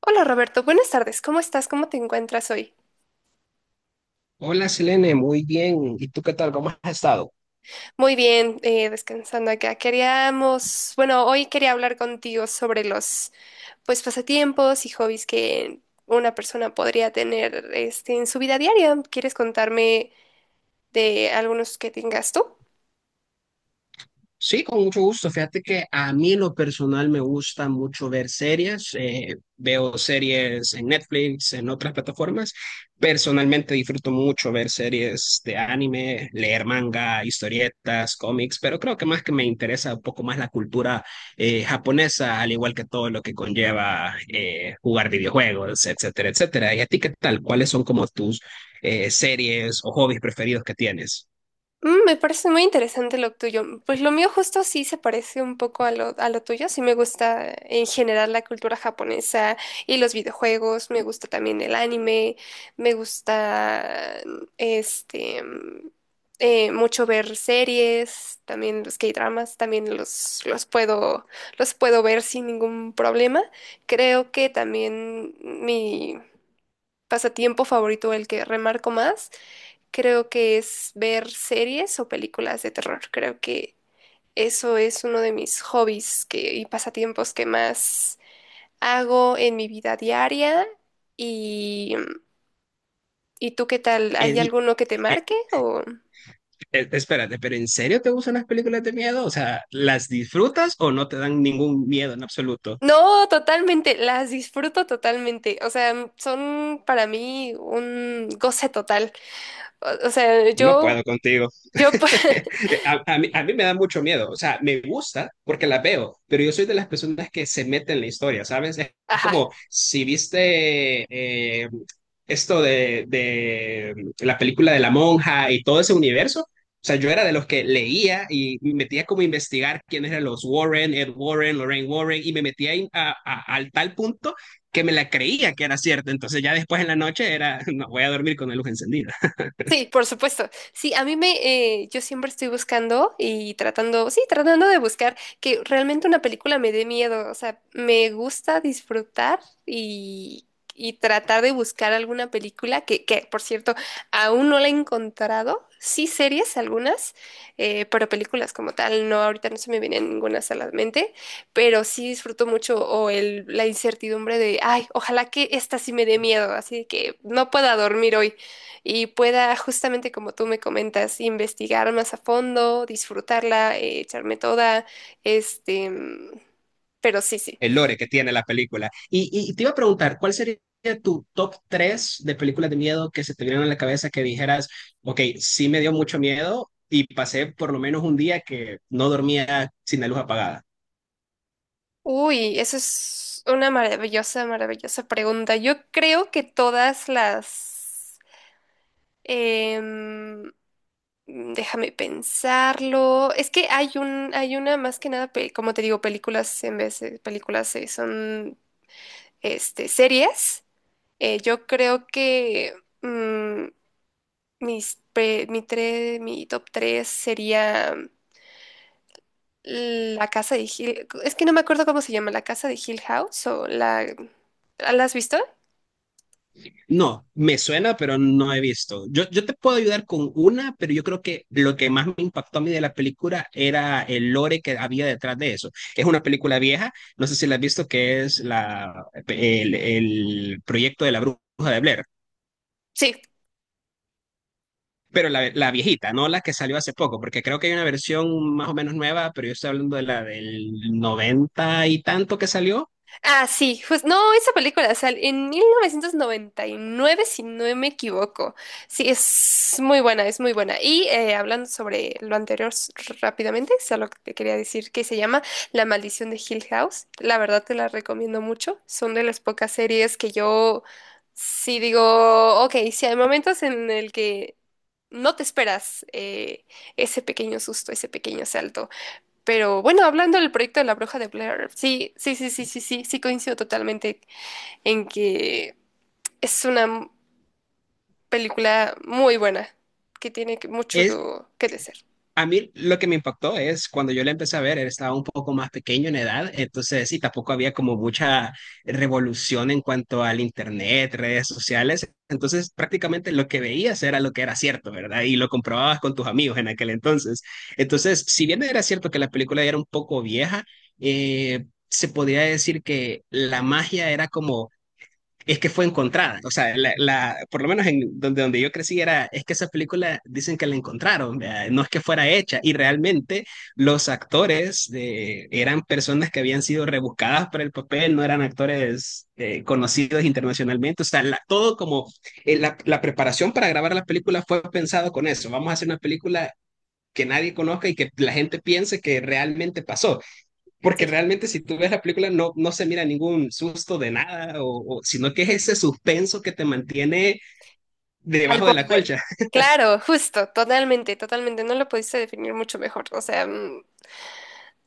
Hola Roberto, buenas tardes. ¿Cómo estás? ¿Cómo te encuentras hoy? Hola Selene, muy bien. ¿Y tú qué tal? ¿Cómo has estado? Muy bien, descansando acá. Hoy quería hablar contigo sobre pasatiempos y hobbies que una persona podría tener, este, en su vida diaria. ¿Quieres contarme de algunos que tengas tú? Sí, con mucho gusto. Fíjate que a mí en lo personal me gusta mucho ver series. Veo series en Netflix, en otras plataformas. Personalmente disfruto mucho ver series de anime, leer manga, historietas, cómics, pero creo que más que me interesa un poco más la cultura japonesa, al igual que todo lo que conlleva jugar videojuegos, etcétera, etcétera. ¿Y a ti qué tal? ¿Cuáles son como tus series o hobbies preferidos que tienes? Mm, me parece muy interesante lo tuyo. Pues lo mío justo sí se parece un poco a a lo tuyo. Sí me gusta en general la cultura japonesa y los videojuegos. Me gusta también el anime. Me gusta este mm, mucho ver series, también los K-dramas, también los puedo ver sin ningún problema. Creo que también mi pasatiempo favorito, el que remarco más, creo que es ver series o películas de terror. Creo que eso es uno de mis hobbies y pasatiempos que más hago en mi vida diaria. Y, ¿Y tú qué tal? Eh, ¿Hay y- alguno que te eh, marque o...? Espérate, pero ¿en serio te gustan las películas de miedo? O sea, ¿las disfrutas o no te dan ningún miedo en absoluto? No, totalmente, las disfruto totalmente. O sea, son para mí un goce total. O, o sea, No yo, puedo contigo. Pues, A mí me da mucho miedo, o sea, me gusta porque la veo, pero yo soy de las personas que se meten en la historia, ¿sabes? Es ajá. como si viste esto de la película de la monja y todo ese universo, o sea, yo era de los que leía y me metía como a investigar quiénes eran los Warren, Ed Warren, Lorraine Warren, y me metía ahí al tal punto que me la creía que era cierto. Entonces ya después en la noche era, no, voy a dormir con la luz encendida. Sí, por supuesto. Sí, a mí me, yo siempre estoy buscando y tratando de buscar que realmente una película me dé miedo. O sea, me gusta disfrutar y, y tratar de buscar alguna película por cierto, aún no la he encontrado. Sí, series algunas, pero películas como tal, no, ahorita no se me viene ninguna a la mente, pero sí disfruto mucho o la incertidumbre de, ay, ojalá que esta sí me dé miedo, así que no pueda dormir hoy y pueda, justamente como tú me comentas, investigar más a fondo, disfrutarla, echarme toda, este, mm, pero sí, sí. El lore que tiene la película. Y te iba a preguntar, ¿cuál sería tu top 3 de películas de miedo que se te vinieron a la cabeza que dijeras, ok, sí me dio mucho miedo y pasé por lo menos un día que no dormía sin la luz apagada? Uy, eso es una maravillosa, maravillosa pregunta. Yo creo que todas las... em, déjame pensarlo. Es que hay hay una más que nada, como te digo, películas en vez de películas, son este, series. Yo creo que... mm, Mis pre- mi, tre- mi top 3 sería la casa de Hill. Es que no me acuerdo cómo se llama, la casa de Hill House o la... ¿La has visto? No, me suena, pero no he visto. Yo te puedo ayudar con una, pero yo creo que lo que más me impactó a mí de la película era el lore que había detrás de eso. Es una película vieja, no sé si la has visto, que es el proyecto de la bruja de Blair. Sí. Pero la viejita, no la que salió hace poco, porque creo que hay una versión más o menos nueva, pero yo estoy hablando de la del noventa y tanto que salió. Ah, sí, pues no, esa película sale en 1999, si no me equivoco. Sí, es muy buena, es muy buena. Hablando sobre lo anterior rápidamente, solo te quería decir que se llama La Maldición de Hill House. La verdad te la recomiendo mucho. Son de las pocas series que yo sí digo, ok, si hay momentos en el que no te esperas ese pequeño susto, ese pequeño salto. Pero bueno, hablando del proyecto de la Bruja de Blair, sí, sí, sí, sí, sí, sí, sí coincido totalmente en que es película muy buena, que mucho que decir. A mí lo que me impactó es cuando yo la empecé a ver, él estaba un poco más pequeño en edad, entonces sí, tampoco había como mucha revolución en cuanto al internet, redes sociales, entonces prácticamente lo que veías era lo que era cierto, ¿verdad? Y lo comprobabas con tus amigos en aquel entonces. Entonces, si bien era cierto que la película ya era un poco vieja, se podía decir que la magia era como es que fue encontrada. O sea, por lo menos en donde, donde yo crecí era, es que esa película dicen que la encontraron, ¿verdad? No es que fuera hecha. Y realmente los actores de, eran personas que habían sido rebuscadas para el papel, no eran actores conocidos internacionalmente. O sea, la, todo como la, la preparación para grabar la película fue pensado con eso. Vamos a hacer una película que nadie conozca y que la gente piense que realmente pasó. Porque Sí, realmente si tú ves la película no, no se mira ningún susto de nada, o- sino que es ese suspenso que te mantiene al debajo de la borde. colcha. Claro, justo, totalmente, totalmente. No lo pudiste definir mucho mejor.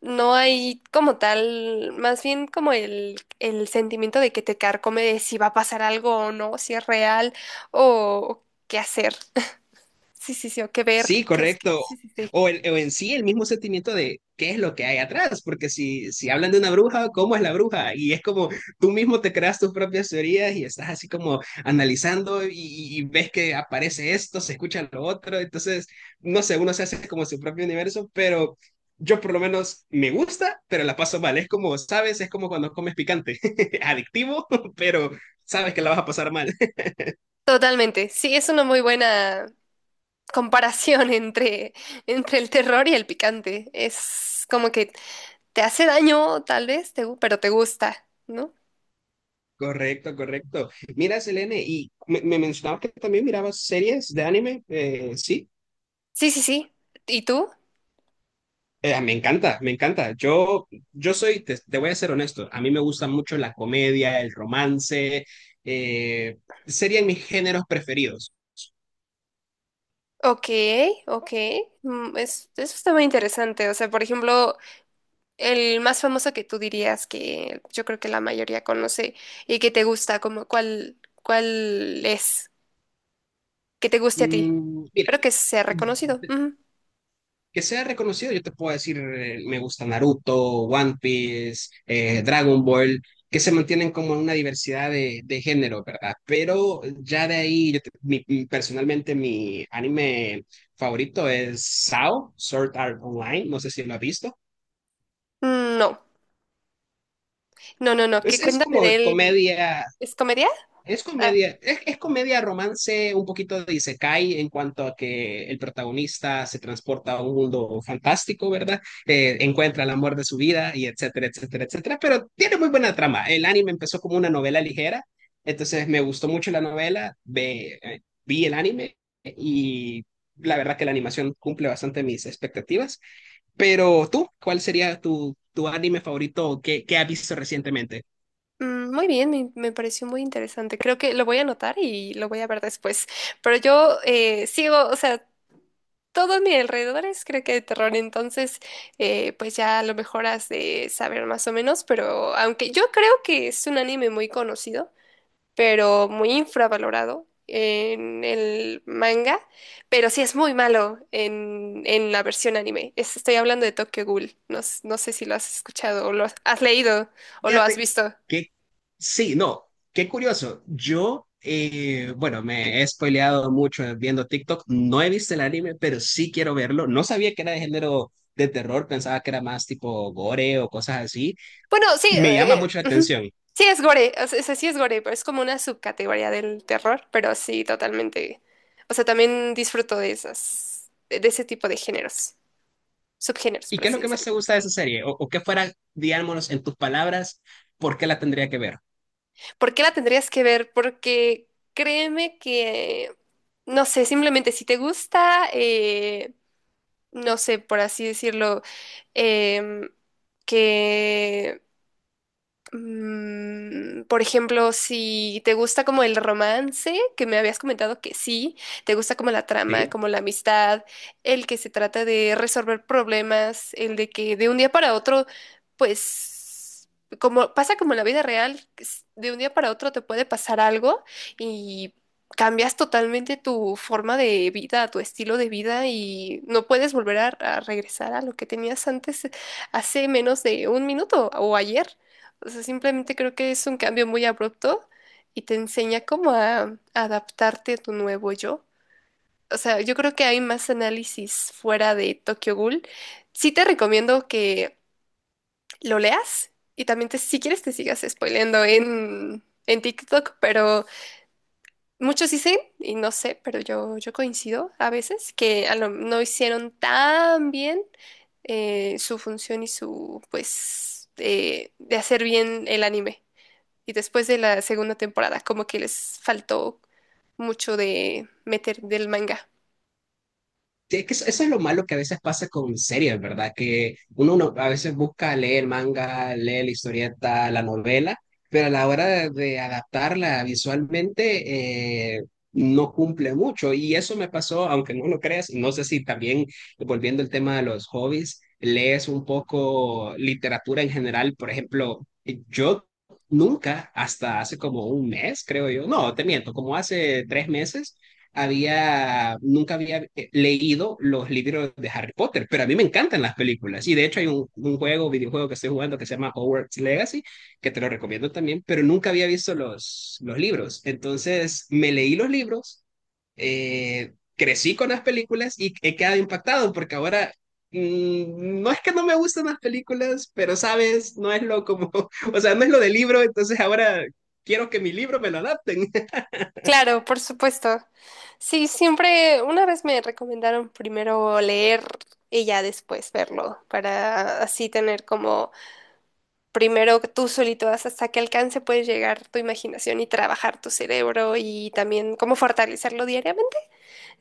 No hay como tal, más bien como el sentimiento de que te carcome de si va a pasar algo o no, si es real o qué hacer. Sí, sí, sí, o qué ver, Sí, qué es que. correcto. Sí, sí, sí. O, el- o en sí el mismo sentimiento de qué es lo que hay atrás, porque si, si hablan de una bruja, ¿cómo es la bruja? Y es como tú mismo te creas tus propias teorías y estás así como analizando y ves que aparece esto, se escucha lo otro, entonces, no sé, uno se hace como su propio universo, pero yo por lo menos me gusta, pero la paso mal. Es como, sabes, es como cuando comes picante, adictivo, pero sabes que la vas a pasar mal. Totalmente. Sí, es una muy buena comparación entre, entre el terror y el picante. Es como que te hace daño, tal vez, pero te gusta, ¿no? Correcto, correcto. Mira, Selene, y me mencionabas que también mirabas series de anime, sí. Sí, sí, sí. ¿Y tú? Me encanta, me encanta. Yo soy, te voy a ser honesto, a mí me gusta mucho la comedia, el romance, eh, serían mis géneros preferidos. Ok, ok. Eso está muy interesante. O sea, por ejemplo, el más famoso que tú dirías que yo creo que la mayoría conoce y que te gusta, como cuál es, que te guste a ti, Mira, pero que sea reconocido. Ujú. que sea reconocido. Yo te puedo decir, me gusta Naruto, One Piece, Dragon Ball, que se mantienen como en una diversidad de género, ¿verdad? Pero ya de ahí, yo te- mi- mi- personalmente mi anime favorito es SAO, Sword Art Online, no sé si lo has visto. No, no, no, no. Que Es cuéntame como de de él. comedia. ¿Es comedia? Es Ah, comedia, es comedia romance, un poquito de isekai en cuanto a que el protagonista se transporta a un mundo fantástico, ¿verdad? Encuentra el amor de su vida y etcétera, etcétera, etcétera. Pero tiene muy buena trama. El anime empezó como una novela ligera, entonces me gustó mucho la novela, vi el anime y la verdad que la animación cumple bastante mis expectativas. Pero tú, ¿cuál sería tu anime favorito que has visto recientemente? Muy bien, me pareció muy interesante. Creo que lo voy a anotar y lo voy a ver después. Pero yo sigo, o sea, todo a mi alrededor es creo que de terror. Entonces, pues ya a lo mejor has de saber más o menos. Pero aunque yo creo que es un anime muy conocido, pero muy infravalorado en el manga. Pero sí es muy malo en la versión anime. Estoy hablando de Tokyo Ghoul. No sé si lo has escuchado o lo has has leído o lo has Fíjate visto. que sí, no, qué curioso. Yo, bueno, me he spoileado mucho viendo TikTok. No he visto el anime, pero sí quiero verlo. No sabía que era de género de terror, pensaba que era más tipo gore o cosas así. Bueno, sí, Me llama mucho la ujú. atención. Sí es gore, o sea, sí es gore, pero es como una subcategoría del terror, pero sí, totalmente. O sea, también disfruto de esas, de ese tipo de géneros, subgéneros, ¿Y por qué es lo así que más decirlo. te gusta de esa serie? O qué fuera, digámonos, en tus palabras, por qué la tendría que ver? ¿Por qué la tendrías que ver? Porque créeme que, no sé, simplemente si te gusta, no sé, por así decirlo, em, que Mm, por ejemplo, si te gusta como el romance, que me habías comentado que sí, te gusta como la trama, ¿Sí? como la amistad, el que se trata de resolver problemas, el de que de un día para otro, pues, como pasa como en la vida real, de un día para otro te puede pasar algo y cambias totalmente tu forma de vida, tu estilo de vida y no puedes volver a regresar a lo que tenías antes hace menos de un minuto o ayer. O sea, simplemente creo que es un cambio muy abrupto y te enseña cómo a adaptarte a tu nuevo yo. O sea, yo creo que hay más análisis fuera de Tokyo Ghoul. Sí te recomiendo que lo leas y también si quieres te sigas spoileando en TikTok, pero muchos dicen, y no sé, pero yo coincido a veces, que no hicieron tan bien su función y su, pues, de hacer bien el anime. Y después de la segunda temporada, como que les faltó mucho de meter del manga. Sí, es que eso es lo malo que a veces pasa con series, ¿verdad? Que uno, no- a veces busca leer manga, leer la historieta, la novela, pero a la hora de adaptarla visualmente no cumple mucho. Y eso me pasó, aunque no lo creas, y no sé si también, volviendo al tema de los hobbies, lees un poco literatura en general. Por ejemplo, yo nunca, hasta hace como 1 mes, creo yo, no, te miento, como hace 3 meses había, nunca había leído los libros de Harry Potter, pero a mí me encantan las películas. Y de hecho hay un juego, videojuego que estoy jugando que se llama Hogwarts Legacy, que te lo recomiendo también, pero nunca había visto los libros. Entonces me leí los libros, crecí con las películas y he quedado impactado porque ahora... no es que no me gustan las películas, pero sabes, no es lo como, o sea, no es lo del libro, entonces ahora quiero que mi libro me lo adapten. Claro, por supuesto. Sí, siempre, una vez me recomendaron primero leer y ya después verlo, para así tener como primero tú solito hasta qué alcance puedes llegar tu imaginación y trabajar tu cerebro y también cómo fortalecerlo diariamente.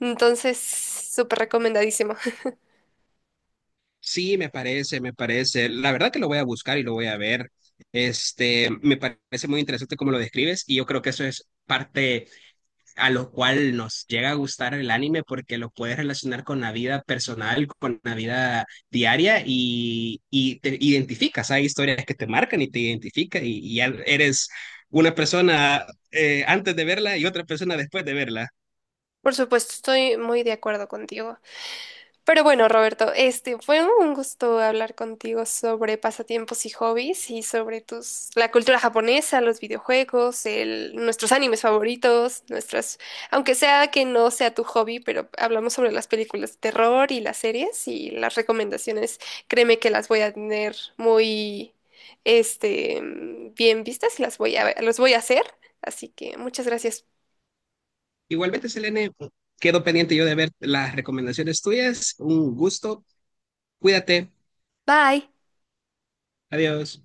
Entonces, súper recomendadísimo. Sí, me parece, me parece. La verdad que lo voy a buscar y lo voy a ver. Este, me parece muy interesante cómo lo describes y yo creo que eso es parte a lo cual nos llega a gustar el anime porque lo puedes relacionar con la vida personal, con la vida diaria y te identificas. Hay historias que te marcan y te identifican y ya eres una persona antes de verla y otra persona después de verla. Por supuesto, estoy muy de acuerdo contigo. Pero bueno, Roberto, este fue un gusto hablar contigo sobre pasatiempos y hobbies y sobre tus la cultura japonesa, los videojuegos, nuestros animes favoritos, nuestras, aunque sea que no sea tu hobby, pero hablamos sobre las películas de terror y las series y las recomendaciones. Créeme que las voy a tener muy este bien vistas y las voy a los voy a hacer, así que muchas gracias. Igualmente, Selene, quedo pendiente yo de ver las recomendaciones tuyas. Un gusto. Cuídate. Bye. Adiós.